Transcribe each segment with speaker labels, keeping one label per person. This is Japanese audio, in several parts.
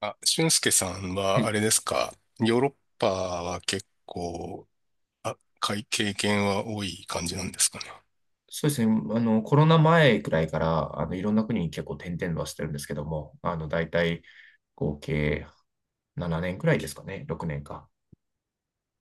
Speaker 1: あ、俊介さん
Speaker 2: は
Speaker 1: は、あ
Speaker 2: い。
Speaker 1: れですか、ヨーロッパは結構、あ、かい経験は多い感じなんですかね。
Speaker 2: そうですね。コロナ前くらいから、いろんな国に結構転々としてるんですけども、大体合計7年くらいですかね。6年か。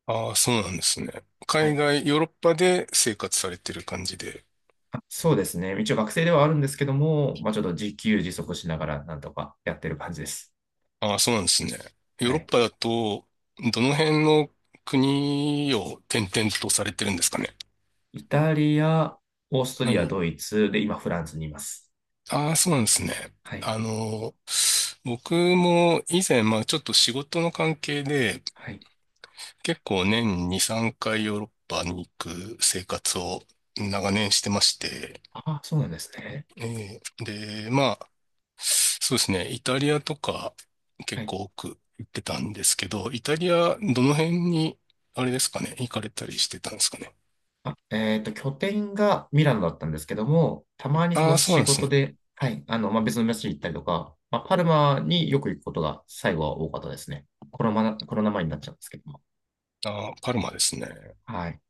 Speaker 1: ああ、そうなんですね。
Speaker 2: は
Speaker 1: 海
Speaker 2: い。
Speaker 1: 外、ヨーロッパで生活されてる感じで。
Speaker 2: あ、そうですね。一応学生ではあるんですけども、まあ、ちょっと自給自足しながらなんとかやってる感じです。
Speaker 1: ああ、そうなんですね。ヨー
Speaker 2: は
Speaker 1: ロッ
Speaker 2: い。
Speaker 1: パだと、どの辺の国を転々とされてるんですかね。
Speaker 2: イタリア、オースト
Speaker 1: は
Speaker 2: リア、
Speaker 1: い。
Speaker 2: ドイツ、で、今フランスにいます。
Speaker 1: ああ、そうなんですね。
Speaker 2: はい。
Speaker 1: あの、僕も以前、まあちょっと仕事の関係で、
Speaker 2: はい。
Speaker 1: 結構年2、3回ヨーロッパに行く生活を長年してまして、
Speaker 2: ああ、そうなんですね。
Speaker 1: えーで、まあ、そうですね、イタリアとか
Speaker 2: は
Speaker 1: 結
Speaker 2: い。
Speaker 1: 構多く行ってたんですけど、イタリアどの辺に、あれですかね、行かれたりしてたんですかね。
Speaker 2: あ、拠点がミラノだったんですけども、たまにそ
Speaker 1: あ
Speaker 2: の
Speaker 1: あ、そうな
Speaker 2: 仕
Speaker 1: んです
Speaker 2: 事
Speaker 1: ね。
Speaker 2: で、はい、まあ、別の街に行ったりとか、まあ、パルマによく行くことが最後は多かったですね。コロナ前になっちゃうんですけども。
Speaker 1: ああ、パルマですね。
Speaker 2: はい。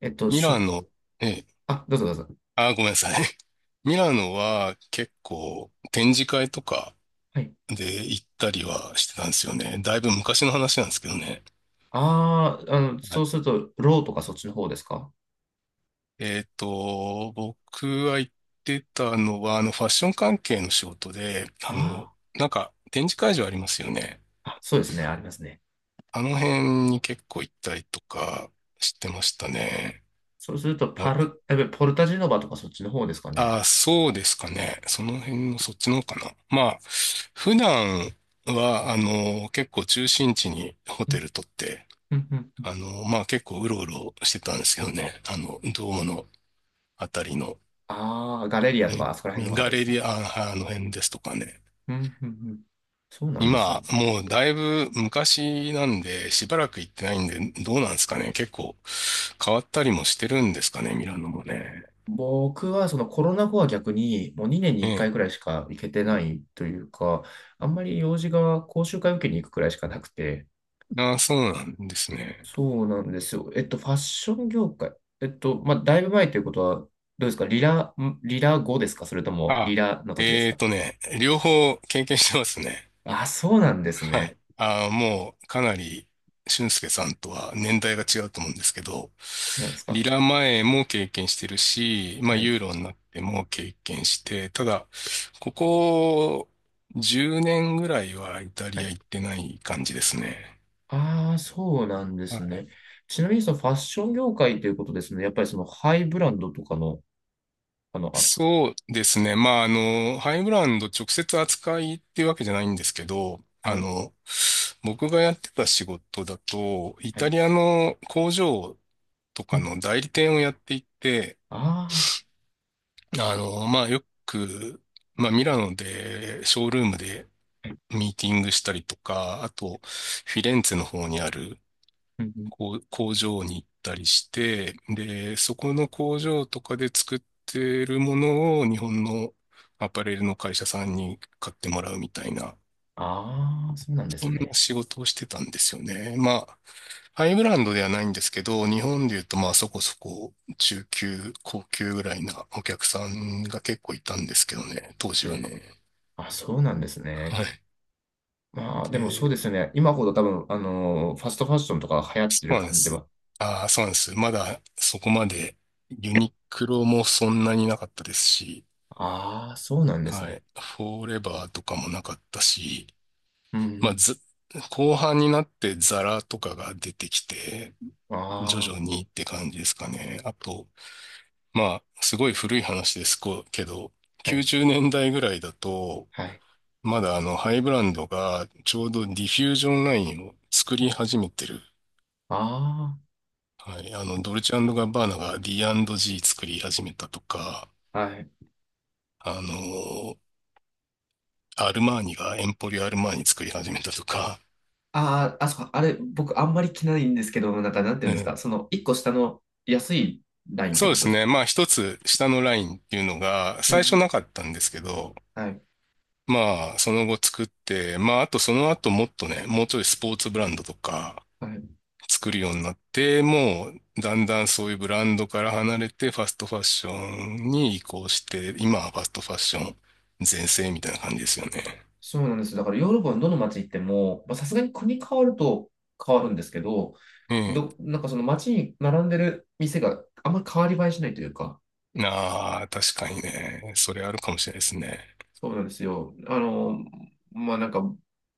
Speaker 2: えっと、
Speaker 1: ミ
Speaker 2: し
Speaker 1: ラ
Speaker 2: ょ、
Speaker 1: ノ、ええ、
Speaker 2: あ、どうぞどうぞ。
Speaker 1: ああ、ごめんなさい。ミラノは結構展示会とか
Speaker 2: はい。
Speaker 1: で行ったりはしてたんですよね。だいぶ昔の話なんですけどね。
Speaker 2: ああ、
Speaker 1: は
Speaker 2: そ
Speaker 1: い、
Speaker 2: うすると、ローとかそっちの方ですか？
Speaker 1: えっと、僕は行ってたのは、あの、ファッション関係の仕事で、あ
Speaker 2: あ
Speaker 1: の、なんか、展示会場ありますよね。
Speaker 2: あ、そうですね、ありますね。
Speaker 1: あの辺に結構行ったりとかしてましたね。
Speaker 2: そうすると、
Speaker 1: な、
Speaker 2: パル、えポルタジェノバとかそっちの方ですかね。
Speaker 1: ああ、そうですかね。その辺のそっちの方かな。まあ、普段は、あの、結構中心地にホ
Speaker 2: う
Speaker 1: テ
Speaker 2: ん、
Speaker 1: ル取って、
Speaker 2: うん、うん。
Speaker 1: あの、まあ結構うろうろしてたんですけどね。あの、ドームのあたりの、
Speaker 2: ああ、ガレリアと
Speaker 1: え
Speaker 2: か、あそこら辺のあ
Speaker 1: ガ
Speaker 2: たりで
Speaker 1: レ
Speaker 2: すね。
Speaker 1: リア、ああの辺ですとかね。
Speaker 2: うん、うん、うん。そうなんです
Speaker 1: 今、
Speaker 2: ね。
Speaker 1: もうだいぶ昔なんで、しばらく行ってないんで、どうなんですかね。結構変わったりもしてるんですかね、ミラノもね。
Speaker 2: 僕はそのコロナ後は逆にもう2年に
Speaker 1: え
Speaker 2: 1
Speaker 1: え。
Speaker 2: 回くらいしか行けてないというか、あんまり用事が講習会受けに行くくらいしかなくて、
Speaker 1: ああ、そうなんですね。
Speaker 2: そうなんですよ。ファッション業界。まあ、だいぶ前ということは、どうですか？リラ後ですか？それともリ
Speaker 1: あ、
Speaker 2: ラの時です
Speaker 1: えー
Speaker 2: か？
Speaker 1: とね、両方経験してますね。
Speaker 2: あ、そうなんです
Speaker 1: は
Speaker 2: ね。
Speaker 1: い。あー、もうかなり俊介さんとは年代が違うと思うんですけど、
Speaker 2: なんです
Speaker 1: リ
Speaker 2: か？
Speaker 1: ラ前も経験してるし、まあ
Speaker 2: はい。
Speaker 1: ユーロになっても経験して、ただ、ここ10年ぐらいはイタ
Speaker 2: は
Speaker 1: リア
Speaker 2: い。
Speaker 1: 行ってない感じですね。
Speaker 2: ああ、そうなんで
Speaker 1: は
Speaker 2: す
Speaker 1: い。
Speaker 2: ね。ちなみにそのファッション業界ということですね。やっぱりそのハイブランドとかの、扱
Speaker 1: そうですね。まあ、あの、ハイブランド直接扱いっていうわけじゃないんですけど、
Speaker 2: い。
Speaker 1: あ
Speaker 2: はい。
Speaker 1: の、僕がやってた仕事だと、イ
Speaker 2: は
Speaker 1: タ
Speaker 2: い。
Speaker 1: リアの工場と
Speaker 2: う
Speaker 1: か
Speaker 2: ん。
Speaker 1: の代理店をやっていって、
Speaker 2: ああ。はい、
Speaker 1: あの、まあ、よく、まあ、ミラノで、ショールームでミーティングしたりとか、あと、フィレンツェの方にある
Speaker 2: うん、うん、
Speaker 1: こう工場に行ったりして、で、そこの工場とかで作ってるものを日本のアパレルの会社さんに買ってもらうみたいな
Speaker 2: ああー、そうなんで
Speaker 1: そ
Speaker 2: す
Speaker 1: んな
Speaker 2: ね。
Speaker 1: 仕事をしてたんですよね。まあ、ハイブランドではないんですけど、日本で言うとまあそこそこ中級、高級ぐらいなお客さんが結構いたんですけどね、当時
Speaker 2: う
Speaker 1: は
Speaker 2: ん。
Speaker 1: ね。
Speaker 2: あ、そうなんですね。
Speaker 1: はい。
Speaker 2: まあ、でもそうで
Speaker 1: で、
Speaker 2: すよね。今ほど多分、ファストファッションとか流行っ
Speaker 1: そ
Speaker 2: て
Speaker 1: う
Speaker 2: る
Speaker 1: なんで
Speaker 2: 感じで
Speaker 1: す。
Speaker 2: は。
Speaker 1: ああ、そうなんです。まだそこまでユニクロもそんなになかったですし、
Speaker 2: ああ、そうなんです
Speaker 1: はい。
Speaker 2: ね。
Speaker 1: フォーレバーとかもなかったし、
Speaker 2: うん、う
Speaker 1: まあ、
Speaker 2: ん。
Speaker 1: ず、後半になってザラとかが出てきて、徐
Speaker 2: あ
Speaker 1: 々にって感じですかね。あと、まあ、すごい古い話ですけど、
Speaker 2: あ、はい、
Speaker 1: 90年代ぐらいだと、
Speaker 2: はい。
Speaker 1: まだあの、ハイブランドがちょうどディフュージョンラインを作り始めてる。
Speaker 2: あ
Speaker 1: はい。あの、ドルチェガッバーナが D&G 作り始めたとか、
Speaker 2: あ、はい。
Speaker 1: あの、アルマーニがエンポリオアルマーニ作り始めたとか、
Speaker 2: ああ、あそこ、あれ、僕あんまり着ないんですけど、なんか、なんていう
Speaker 1: え
Speaker 2: んです
Speaker 1: ー
Speaker 2: か、一個下の安いラインっ
Speaker 1: そ
Speaker 2: て
Speaker 1: うで
Speaker 2: こと
Speaker 1: す
Speaker 2: ですか？
Speaker 1: ね。まあ、一つ下のラインっていうのが
Speaker 2: うん、う
Speaker 1: 最初
Speaker 2: ん。
Speaker 1: なかったんですけど、
Speaker 2: はい、
Speaker 1: まあ、その後作って、まあ、あとその後もっとね、もうちょいスポーツブランドとか、
Speaker 2: はい。
Speaker 1: 作るようになって、もうだんだんそういうブランドから離れてファストファッションに移行して、今はファストファッション全盛みたいな感じですよね。
Speaker 2: そうなんです。だからヨーロッパのどの街行っても、まあさすがに国変わると変わるんですけど、
Speaker 1: うん。
Speaker 2: なんかその街に並んでる店があんまり変わり映えしないというか、
Speaker 1: なあ、確かにね。それあるかもしれないですね。
Speaker 2: そうなんですよ。まあなんか、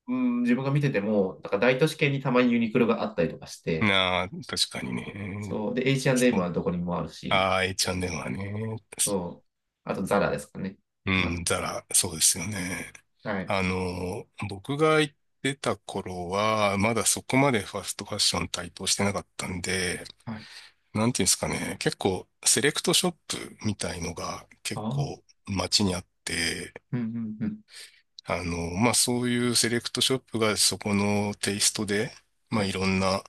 Speaker 2: うん、自分が見てても、なんか大都市圏にたまにユニクロがあったりとかして、
Speaker 1: なあ、確かにね。
Speaker 2: そう。で、H&M
Speaker 1: そう。
Speaker 2: はどこにもあるし、
Speaker 1: ああ、H&M はね。
Speaker 2: そう。あとザラですかね。
Speaker 1: う
Speaker 2: あ、
Speaker 1: ん、ザラ、そうですよね。
Speaker 2: はい。
Speaker 1: あの、僕が行ってた頃は、まだそこまでファストファッション台頭してなかったんで、
Speaker 2: はい。
Speaker 1: なんていうんですかね、結構セレクトショップみたいのが
Speaker 2: あ
Speaker 1: 結構
Speaker 2: あ。
Speaker 1: 街にあって、
Speaker 2: うん、うん、うん。
Speaker 1: あの、まあ、そういうセレクトショップがそこのテイストで、ま
Speaker 2: は
Speaker 1: あ、い
Speaker 2: い。
Speaker 1: ろんな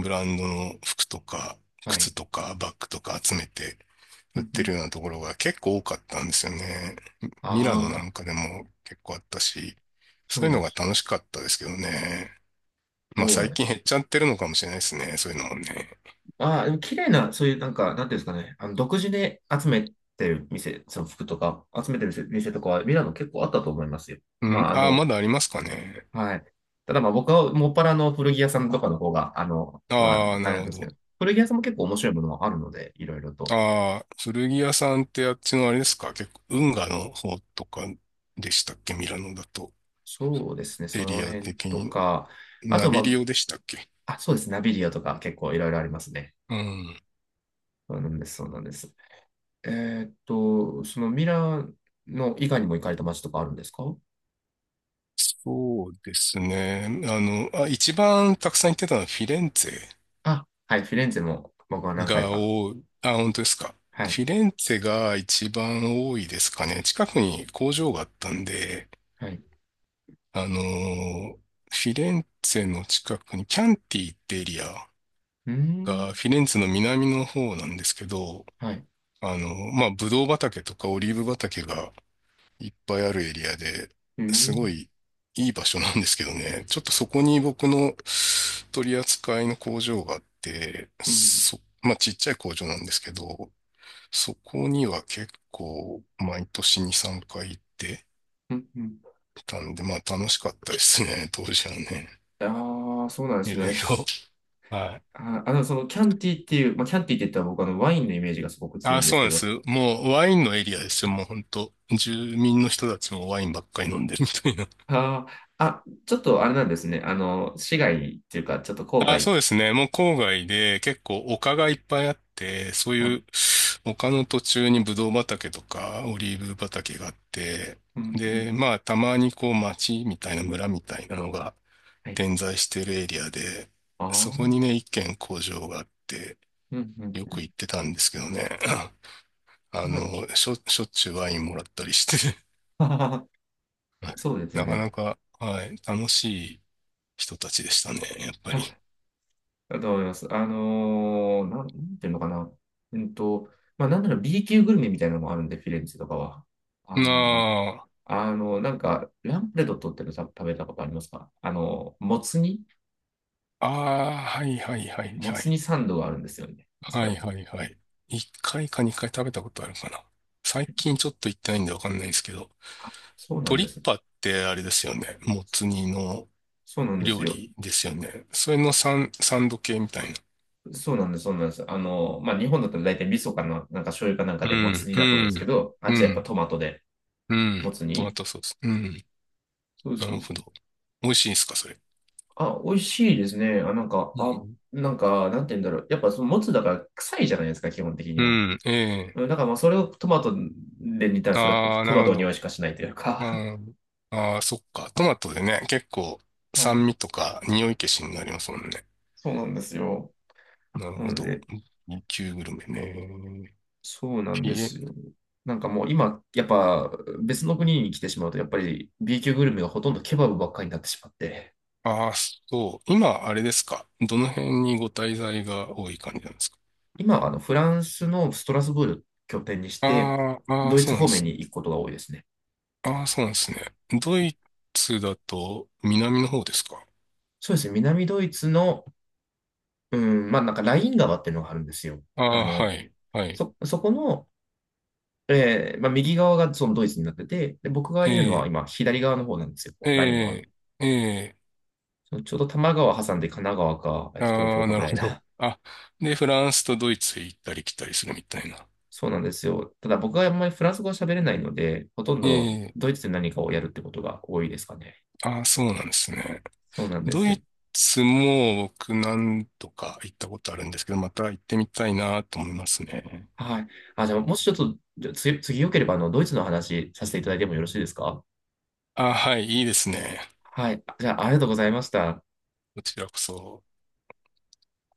Speaker 1: ブランドの服とか
Speaker 2: は
Speaker 1: 靴
Speaker 2: い。
Speaker 1: とかバッグとか集めて
Speaker 2: う
Speaker 1: 売っ
Speaker 2: ん、う
Speaker 1: てる
Speaker 2: ん。
Speaker 1: ようなところが結構多かったんですよね。ミラノな
Speaker 2: あ
Speaker 1: ん
Speaker 2: あ。
Speaker 1: かでも結構あったし、
Speaker 2: そう
Speaker 1: そういう
Speaker 2: なん
Speaker 1: の
Speaker 2: で
Speaker 1: が
Speaker 2: す。
Speaker 1: 楽しかったですけどね。ま
Speaker 2: そ
Speaker 1: あ、
Speaker 2: うなん
Speaker 1: 最
Speaker 2: で
Speaker 1: 近
Speaker 2: す。
Speaker 1: 減っちゃってるのかもしれないですね、そういうのもね。
Speaker 2: ああ、でも綺麗な、そういう、なんか、なんていうんですかね、独自で集めてる店、その服とか、集めてる店とかは、ミラノ結構あったと思いますよ。
Speaker 1: う
Speaker 2: ま
Speaker 1: ん、
Speaker 2: あ、
Speaker 1: ああ、まだありますかね。
Speaker 2: はい。ただまあ、僕はもっぱらの古着屋さんとかの方が、まあ、
Speaker 1: ああ、
Speaker 2: あ
Speaker 1: な
Speaker 2: れな
Speaker 1: る
Speaker 2: ん
Speaker 1: ほ
Speaker 2: ですけ
Speaker 1: ど。
Speaker 2: ど、古着屋さんも結構面白いものはあるので、いろいろと。
Speaker 1: ああ、古着屋さんってあっちのあれですか、結構、運河の方とかでしたっけ、ミラノだと。
Speaker 2: そうですね、そ
Speaker 1: エリ
Speaker 2: の
Speaker 1: ア
Speaker 2: 辺
Speaker 1: 的
Speaker 2: と
Speaker 1: に。
Speaker 2: か、あ
Speaker 1: ナ
Speaker 2: と、
Speaker 1: ビリ
Speaker 2: ま
Speaker 1: オでしたっけ。
Speaker 2: あ、あ、そうです、ナビリアとか結構いろいろありますね。
Speaker 1: うん。
Speaker 2: そうなんです、そうなんです。そのミラノ以外にも行かれた街とかあるんですか？
Speaker 1: そうですね。一番たくさん行ってたのはフィレンツ
Speaker 2: あ、はい、フィレンツェも僕は
Speaker 1: ェ
Speaker 2: 何回
Speaker 1: が
Speaker 2: か。
Speaker 1: 多い。あ、本当ですか。
Speaker 2: はい、
Speaker 1: フィレンツェが一番多いですかね。近くに工場があったんで、
Speaker 2: はい。
Speaker 1: あのーフィレンツェの近くにキャンティってエリア
Speaker 2: うー
Speaker 1: が
Speaker 2: ん、
Speaker 1: フィレンツェの南の方なんですけど、
Speaker 2: はい。
Speaker 1: あの、まあ、ブドウ畑とかオリーブ畑がいっぱいあるエリアで、
Speaker 2: うー
Speaker 1: すご
Speaker 2: ん、
Speaker 1: いいい場所なんですけどね、ちょっとそこに僕の取り扱いの工場があって、
Speaker 2: うん、
Speaker 1: まあ、ちっちゃい工場なんですけど、そこには結構毎年2、3回行って
Speaker 2: うん、うん。
Speaker 1: たんで、まあ、楽しかったですね、当時はね。
Speaker 2: ああ、そうなんで
Speaker 1: い
Speaker 2: す
Speaker 1: ろい
Speaker 2: ね。
Speaker 1: ろ。
Speaker 2: し
Speaker 1: はい。
Speaker 2: あー、あの、そのキャンティっていう、まあ、キャンティって言ったら僕はあのワインのイメージがすごく強
Speaker 1: あ、
Speaker 2: いんで
Speaker 1: そう
Speaker 2: す
Speaker 1: な
Speaker 2: け
Speaker 1: んです。
Speaker 2: ど。
Speaker 1: もうワインのエリアですよ。もう本当住民の人たちもワインばっかり飲んでる みたいな。
Speaker 2: ああ、あ、ちょっとあれなんですね。市外っていうか、ちょっと郊
Speaker 1: あ、そ
Speaker 2: 外。
Speaker 1: うですね。もう郊外で結構丘がいっぱいあって、そう
Speaker 2: は
Speaker 1: い
Speaker 2: い。
Speaker 1: う丘の途中にブドウ畑とかオリーブ畑があって、
Speaker 2: うん、うん。
Speaker 1: で、まあたまにこう町みたいな村みたいなのが
Speaker 2: はい。
Speaker 1: 点在してるエリアで、
Speaker 2: あ
Speaker 1: そこに
Speaker 2: あ、
Speaker 1: ね、一軒工場があって、
Speaker 2: うん、うん、
Speaker 1: よ
Speaker 2: う
Speaker 1: く
Speaker 2: ん。
Speaker 1: 行ってたんですけどね。あの、しょっちゅうワインもらったりして
Speaker 2: あー そうですよ
Speaker 1: なか
Speaker 2: ね。
Speaker 1: なか、はい、楽しい人たちでしたね、やっぱり。
Speaker 2: だと思います。なんていうのかな。うんと、まあ、なんなら B 級グルメみたいなのもあるんで、フィレンツェとかは。あの、
Speaker 1: な
Speaker 2: なんか、ランプレドットってのさ食べたことありますか？もつ煮
Speaker 1: あ、ああ、はいはいはい
Speaker 2: も
Speaker 1: は
Speaker 2: つ
Speaker 1: い。
Speaker 2: 煮サンドがあるんですよね。あそこ
Speaker 1: は
Speaker 2: ら
Speaker 1: い
Speaker 2: 辺。
Speaker 1: はいはい。一回か二回食べたことあるかな。最近ちょっと行ってないんでわかんないんですけど、
Speaker 2: そうな
Speaker 1: ト
Speaker 2: ん
Speaker 1: リ
Speaker 2: で
Speaker 1: ッ
Speaker 2: すね。
Speaker 1: パってあれですよね。もつ煮の
Speaker 2: そうなんです
Speaker 1: 料
Speaker 2: よ。
Speaker 1: 理ですよね。それのサンド系みたいな。
Speaker 2: そうなんです、そうなんです。まあ、日本だったら大体味噌かな、なんか醤油かなん
Speaker 1: う
Speaker 2: かでもつ
Speaker 1: ん、
Speaker 2: 煮
Speaker 1: う
Speaker 2: だと思うんですけ
Speaker 1: ん、
Speaker 2: ど、あっ
Speaker 1: う
Speaker 2: ちはやっぱ
Speaker 1: ん、
Speaker 2: トマトで
Speaker 1: うん。
Speaker 2: もつ
Speaker 1: トマ
Speaker 2: 煮。
Speaker 1: トソース。うん、
Speaker 2: そう
Speaker 1: な
Speaker 2: そ
Speaker 1: る
Speaker 2: うそ
Speaker 1: ほ
Speaker 2: う。
Speaker 1: ど。美味しいんですか、それ。
Speaker 2: あ、美味しいですね。
Speaker 1: う
Speaker 2: あ、
Speaker 1: ん、
Speaker 2: なんか、なんて言うんだろう。やっぱそのもつだから臭いじゃないですか、基本的
Speaker 1: う
Speaker 2: には。
Speaker 1: ん、ええ。
Speaker 2: うん、だからまあそれをトマトで煮たらそれは
Speaker 1: ああ、
Speaker 2: ト
Speaker 1: な
Speaker 2: マ
Speaker 1: る
Speaker 2: ト
Speaker 1: ほ
Speaker 2: の匂
Speaker 1: ど。
Speaker 2: いしかしないという
Speaker 1: う
Speaker 2: か。
Speaker 1: ん。ああ、そっか。トマトでね、結構
Speaker 2: はい。
Speaker 1: 酸味とか匂い消しになりますもんね。
Speaker 2: そうなんですよ。
Speaker 1: なる
Speaker 2: な
Speaker 1: ほ
Speaker 2: の
Speaker 1: ど。
Speaker 2: で、
Speaker 1: 旧級グルメね。
Speaker 2: そうなん
Speaker 1: ひ
Speaker 2: です
Speaker 1: え、
Speaker 2: よ。なんかもう今、やっぱ別の国に来てしまうと、やっぱり B 級グルメがほとんどケバブばっかりになってしまって、
Speaker 1: ああ、そう。今、あれですか。どの辺にご滞在が多い感じなんですか。
Speaker 2: 今はフランスのストラスブール拠点にして、
Speaker 1: ああ、ああ、
Speaker 2: ドイ
Speaker 1: そう
Speaker 2: ツ
Speaker 1: なんで
Speaker 2: 方面
Speaker 1: す。
Speaker 2: に行くことが多いですね。
Speaker 1: ああ、そうなんですね。ドイツだと南の方ですか。
Speaker 2: そうですね。南ドイツの、うん、まあなんかライン川っていうのがあるんですよ。
Speaker 1: あ
Speaker 2: あ
Speaker 1: あ、は
Speaker 2: の、
Speaker 1: い、はい。
Speaker 2: そこの、まあ、右側がそのドイツになってて、で、僕が
Speaker 1: え
Speaker 2: いるのは
Speaker 1: え、
Speaker 2: 今左側の方なんですよ。
Speaker 1: え
Speaker 2: ライン川の。
Speaker 1: え、ええ、
Speaker 2: そのちょうど多摩川挟んで神奈川か、東
Speaker 1: あ
Speaker 2: 京
Speaker 1: あ、
Speaker 2: か
Speaker 1: な
Speaker 2: ぐ
Speaker 1: る
Speaker 2: らい
Speaker 1: ほど。
Speaker 2: だ。
Speaker 1: あ、で、フランスとドイツへ行ったり来たりするみたいな。
Speaker 2: そうなんですよ。ただ僕はあんまりフランス語は喋れないので、ほとんど
Speaker 1: ええ、
Speaker 2: ドイツで何かをやるってことが多いですかね。
Speaker 1: ああ、そうなんですね。
Speaker 2: そうなんで
Speaker 1: ド
Speaker 2: すよ。
Speaker 1: イツも僕何度か行ったことあるんですけど、また行ってみたいなと思いますね。
Speaker 2: はい。あ、じゃあもしちょっと、じゃあ次よければドイツの話させていただいてもよろしいですか？
Speaker 1: ああ、はい、いいですね。
Speaker 2: はい。じゃあ、ありがとうございました。
Speaker 1: こちらこそ。